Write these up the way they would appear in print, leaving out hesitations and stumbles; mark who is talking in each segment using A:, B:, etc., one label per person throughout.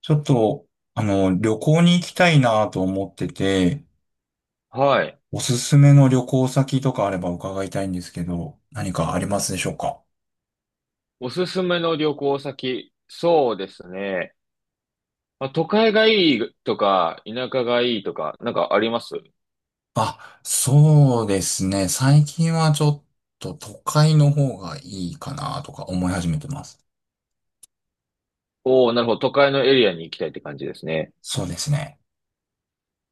A: ちょっと、旅行に行きたいなと思ってて、
B: はい。
A: おすすめの旅行先とかあれば伺いたいんですけど、何かありますでしょうか？
B: おすすめの旅行先。そうですね。まあ、都会がいいとか、田舎がいいとか、なんかあります？
A: あ、そうですね。最近はちょっと都会の方がいいかなとか思い始めてます。
B: おー、なるほど。都会のエリアに行きたいって感じですね。
A: そうですね。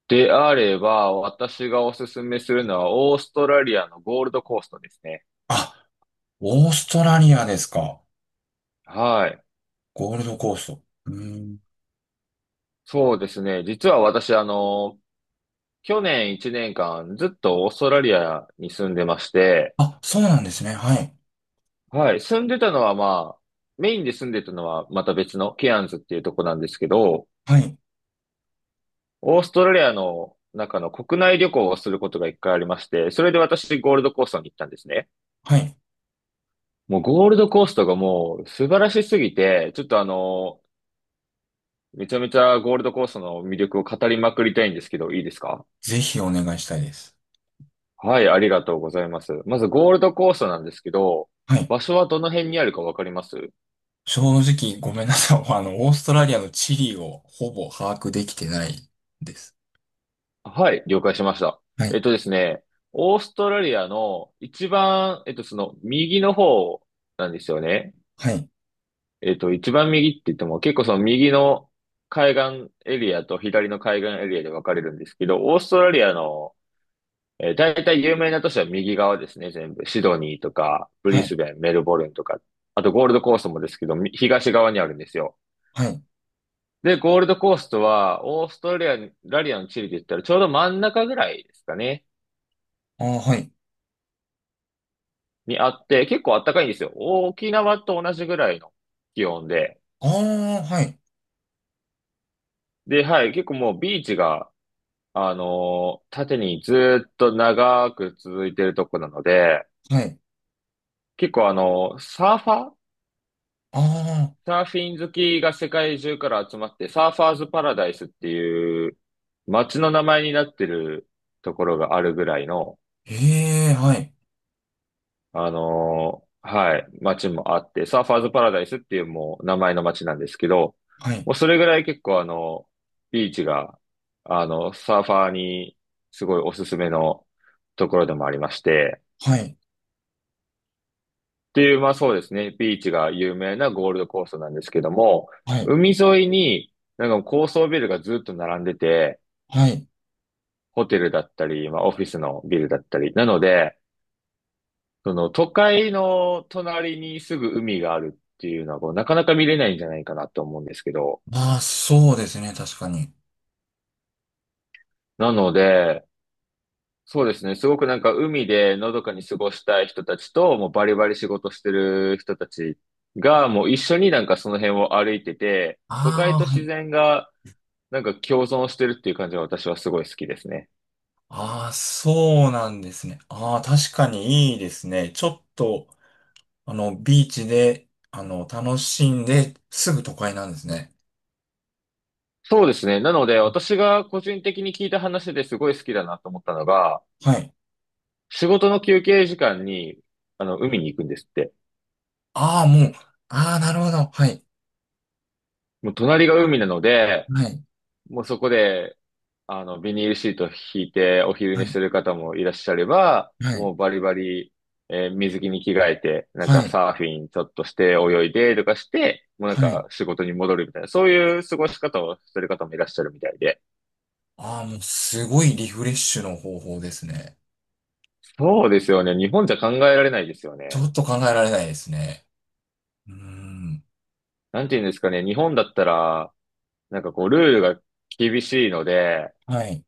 B: であれば、私がおすすめするのは、オーストラリアのゴールドコーストですね。
A: あ、オーストラリアですか。
B: はい。
A: ゴールドコースト。うーん。
B: そうですね。実は私、去年1年間、ずっとオーストラリアに住んでまして、
A: あ、そうなんですね。はい。
B: はい。住んでたのは、まあ、メインで住んでたのはまた別のケアンズっていうとこなんですけど、
A: はい。
B: オーストラリアの中の国内旅行をすることが一回ありまして、それで私ゴールドコーストに行ったんですね。
A: はい。
B: もうゴールドコーストがもう素晴らしすぎて、ちょっとあの、めちゃめちゃゴールドコーストの魅力を語りまくりたいんですけど、いいですか？
A: ぜひお願いしたいです。
B: はい、ありがとうございます。まずゴールドコーストなんですけど、
A: はい。
B: 場所はどの辺にあるかわかります？
A: 正直ごめんなさい。オーストラリアの地理をほぼ把握できてないです。
B: はい、了解しました。
A: は
B: え
A: い。
B: っとですね、オーストラリアの一番、その右の方なんですよね。
A: はい。
B: えっと、一番右って言っても、結構その右の海岸エリアと左の海岸エリアで分かれるんですけど、オーストラリアの、大体有名な都市は右側ですね、全部。シドニーとか、ブ
A: は
B: リ
A: い。
B: スベン、メルボルンとか、あとゴールドコーストもですけど、み東側にあるんですよ。
A: はい。
B: で、ゴールドコーストは、オーストラリアの地理で言ったらちょうど真ん中ぐらいですかね、
A: ああ、はい。
B: にあって、結構暖かいんですよ。沖縄と同じぐらいの気温で。
A: ああ、はい。
B: で、はい、結構もうビーチが、縦にずっと長く続いてるとこなので、
A: はい。
B: 結構あの、
A: ああ、
B: サーフィン好きが世界中から集まって、サーファーズパラダイスっていう街の名前になってるところがあるぐらいの、
A: ええ、はい。
B: はい、街もあって、サーファーズパラダイスっていうもう名前の街なんですけど、
A: はい。
B: もうそれぐらい結構あの、ビーチが、サーファーにすごいおすすめのところでもありまして、
A: はい。
B: っていう、まあそうですね、ビーチが有名なゴールドコーストなんですけども、
A: はい。
B: 海沿いになんか高層ビルがずっと並んでて、
A: はい。
B: ホテルだったり、まあオフィスのビルだったり、なので、その都会の隣にすぐ海があるっていうのはこう、なかなか見れないんじゃないかなと思うんですけど、
A: ああ、そうですね。確かに。
B: なので、そうですね。すごくなんか海でのどかに過ごしたい人たちと、もうバリバリ仕事してる人たちが、もう一緒になんかその辺を歩いてて、都会
A: ああ、
B: と
A: は
B: 自
A: い。
B: 然がなんか共存してるっていう感じが私はすごい好きですね。
A: ああ、そうなんですね。ああ、確かにいいですね。ちょっと、ビーチで、楽しんで、すぐ都会なんですね。
B: そうですね。なので私が個人的に聞いた話ですごい好きだなと思ったのが、
A: はい。
B: 仕事の休憩時間に、海に行くんですって。
A: ああ、もう、ああ、なるほど。はい。
B: もう隣が海なので、
A: はい。
B: もうそこで、ビニールシート引いてお昼
A: は
B: 寝し
A: い。
B: てる方もいらっしゃれば、
A: はい。
B: もうバリバリ、水着に着替えて、なん
A: は
B: か
A: い。
B: サーフィンちょっとして泳いでとかして、もうなん
A: はい。
B: か仕事に戻るみたいな、そういう過ごし方をしてる方もいらっしゃるみたいで。
A: ああ、もう、すごいリフレッシュの方法ですね。
B: そうですよね。日本じゃ考えられないですよ
A: ちょ
B: ね。
A: っと考えられないですね。うーん。
B: なんて言うんですかね。日本だったら、なんかこう、ルールが厳しいので、
A: はい。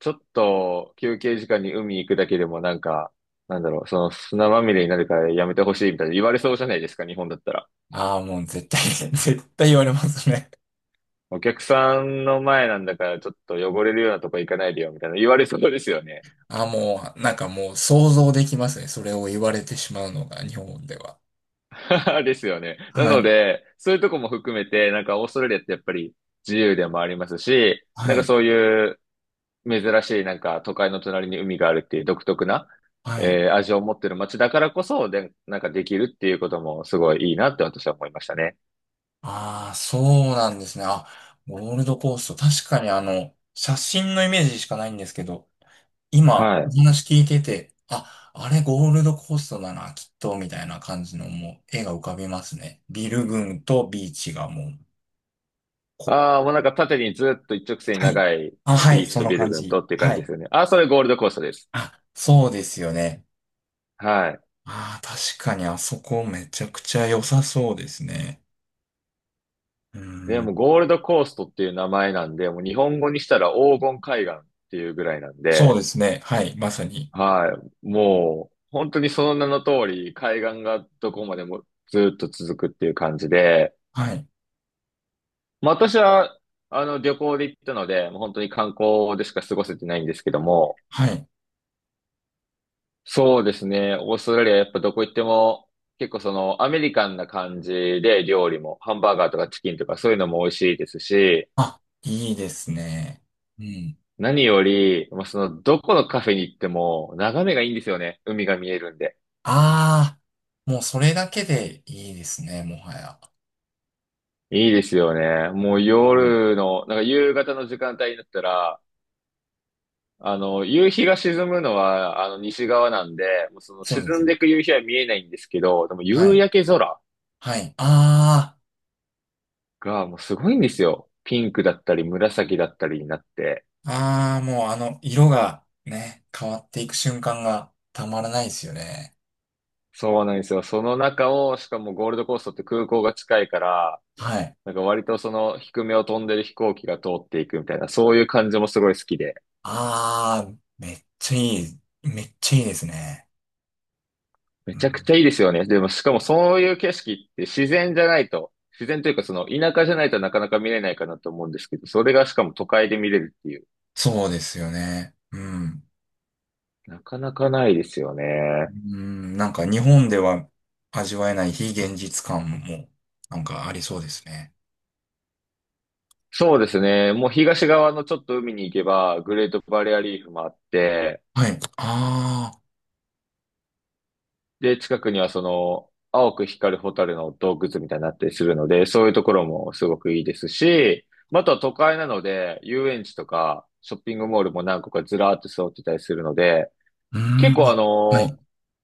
B: ちょっと休憩時間に海行くだけでもなんか、その砂まみれになるからやめてほしいみたいな言われそうじゃないですか、日本だったら。
A: ああ、もう、絶対 絶対言われますね。
B: お客さんの前なんだからちょっと汚れるようなとこ行かないでよみたいな言われそうですよね。
A: ああ、もう、なんかもう、想像できますね。それを言われてしまうのが、日本では。
B: ですよね。な
A: は
B: の
A: い。
B: で、そういうとこも含めて、なんかオーストラリアってやっぱり自由でもありますし、な
A: は
B: んか
A: い。
B: そういう珍しいなんか都会の隣に海があるっていう独特な、
A: はい。
B: 味を持ってる街だからこそ、で、なんかできるっていうこともすごいいいなって私は思いましたね。
A: ああ、そうなんですね。あ、ゴールドコースト。確かに、写真のイメージしかないんですけど、今、
B: は
A: お
B: い。
A: 話聞いてて、あ、あれゴールドコーストだな、きっと、みたいな感じのもう絵が浮かびますね。ビル群とビーチがもう、こ、
B: ああ、もうなんか縦にずっと一直線に
A: はい。
B: 長い
A: あ、はい、
B: ビーチ
A: そ
B: と
A: の
B: ビル
A: 感
B: 群
A: じ。
B: とっていう
A: は
B: 感じで
A: い。
B: すよね。ああ、それゴールドコーストです。
A: あ、そうですよね。
B: はい。
A: ああ、確かにあそこめちゃくちゃ良さそうですね。う
B: で
A: ー
B: も
A: ん。
B: ゴールドコーストっていう名前なんで、もう日本語にしたら黄金海岸っていうぐらいなん
A: そう
B: で、
A: ですね。はい、まさに。
B: はい。もう本当にその名の通り海岸がどこまでもずっと続くっていう感じで、
A: はい。
B: まあ私は旅行で行ったので、もう本当に観光でしか過ごせてないんですけども、
A: はい。
B: そうですね。オーストラリアやっぱどこ行っても結構そのアメリカンな感じで料理もハンバーガーとかチキンとかそういうのも美味しいですし、
A: あ、いいですね。うん。
B: 何より、まあ、そのどこのカフェに行っても眺めがいいんですよね。海が見えるんで。
A: ああ、もうそれだけでいいですね、もはや。
B: いいですよね。もう
A: うん。
B: 夜の、なんか夕方の時間帯になったら、夕日が沈むのはあの西側なんで、もうその
A: そうで
B: 沈
A: す
B: ん
A: ね。
B: でいく夕日は見えないんですけど、でも
A: は
B: 夕
A: い。
B: 焼け空
A: はい。あ
B: がもうすごいんですよ。ピンクだったり紫だったりになって。
A: あ、ああ、もう色がね、変わっていく瞬間がたまらないですよね。
B: そうなんですよ。その中を、しかもゴールドコーストって空港が近いから、
A: はい。
B: なんか割とその低めを飛んでる飛行機が通っていくみたいな、そういう感じもすごい好きで。
A: ああ、めっちゃいい。めっちゃいいですね。う
B: めちゃくち
A: ん、
B: ゃいいですよね。でもしかもそういう景色って自然じゃないと、自然というかその田舎じゃないとなかなか見れないかなと思うんですけど、それがしかも都会で見れるっていう、
A: そうですよね。うん。
B: なかなかないですよ
A: う
B: ね。
A: ん、なんか日本では味わえない非現実感も、なんかありそうですね。
B: そうですね。もう東側のちょっと海に行けば、グレートバリアリーフもあって、
A: はい。ああ、
B: で、近くにはその、青く光る蛍の洞窟みたいになったりするので、そういうところもすごくいいですし、また都会なので、遊園地とか、ショッピングモールも何個かずらーっと揃ってたりするので、
A: うー
B: 結
A: ん、
B: 構あ
A: あ、はい。
B: の、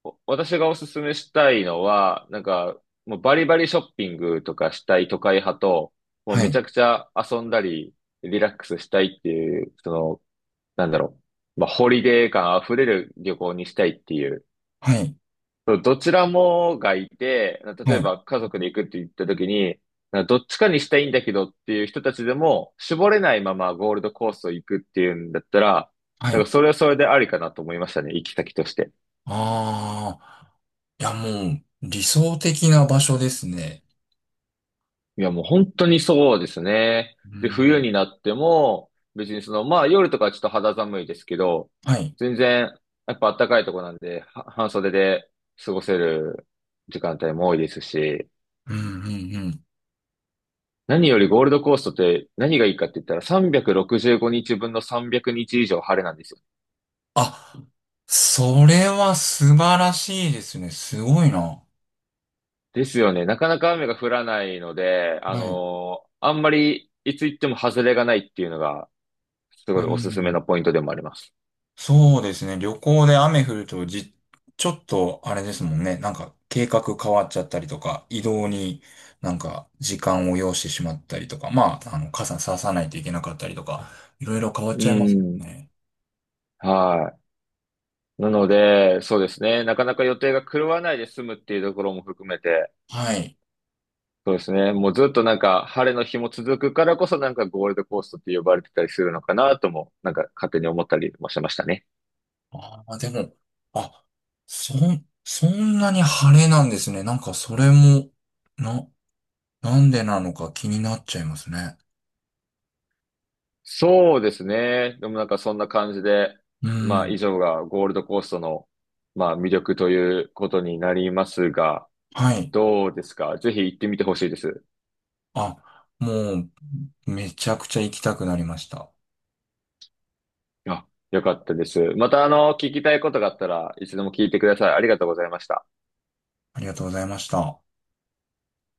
B: 私がおすすめしたいのは、なんか、もうバリバリショッピングとかしたい都会派と、もう
A: は
B: めち
A: い。
B: ゃくちゃ遊んだり、リラックスしたいっていう、その、なんだろまあ、ホリデー感あふれる旅行にしたいっていう、
A: はい。
B: そうどちらもがいて、例
A: は
B: え
A: い。
B: ば家族で行くって言った時に、どっちかにしたいんだけどっていう人たちでも、絞れないままゴールドコースを行くっていうんだったら、
A: は
B: なん
A: い。
B: かそれはそれでありかなと思いましたね、行き先として。
A: ああ。いや、もう、理想的な場所ですね。
B: いや、もう本当にそうですね。
A: う
B: で、冬
A: ん。
B: になっても、別にその、まあ夜とかはちょっと肌寒いですけど、
A: はい。
B: 全然、やっぱ暖かいとこなんで、は半袖で過ごせる時間帯も多いですし、
A: うんうんうん。
B: 何よりゴールドコーストって何がいいかって言ったら365日分の300日以上晴れなんですよ。
A: あ、それは素晴らしいですね。すごいな。
B: ですよね。なかなか雨が降らないので、
A: はい。
B: あんまりいつ行っても外れがないっていうのがすご
A: う
B: いおすすめ
A: ん。
B: のポイントでもあります。
A: そうですね。旅行で雨降るとちょっとあれですもんね。なんか計画変わっちゃったりとか、移動になんか時間を要してしまったりとか、まあ、あの、傘ささないといけなかったりとか、いろいろ変わっ
B: う
A: ちゃいます
B: ん。
A: ね。
B: はい。なので、そうですね。なかなか予定が狂わないで済むっていうところも含めて、
A: はい。
B: そうですね。もうずっとなんか晴れの日も続くからこそなんかゴールドコーストって呼ばれてたりするのかなとも、なんか勝手に思ったりもしましたね。
A: ああ、でも、あ、そんなに晴れなんですね。なんかそれも、な、なんでなのか気になっちゃいますね。
B: そうですね。でもなんかそんな感じで、
A: う
B: まあ以
A: ん。
B: 上がゴールドコーストの、まあ魅力ということになりますが、
A: はい。
B: どうですかぜひ行ってみてほしいです。
A: あ、もう、めちゃくちゃ行きたくなりました。
B: あ、よかったです。また聞きたいことがあったらいつでも聞いてください。ありがとうございました。
A: ありがとうございました。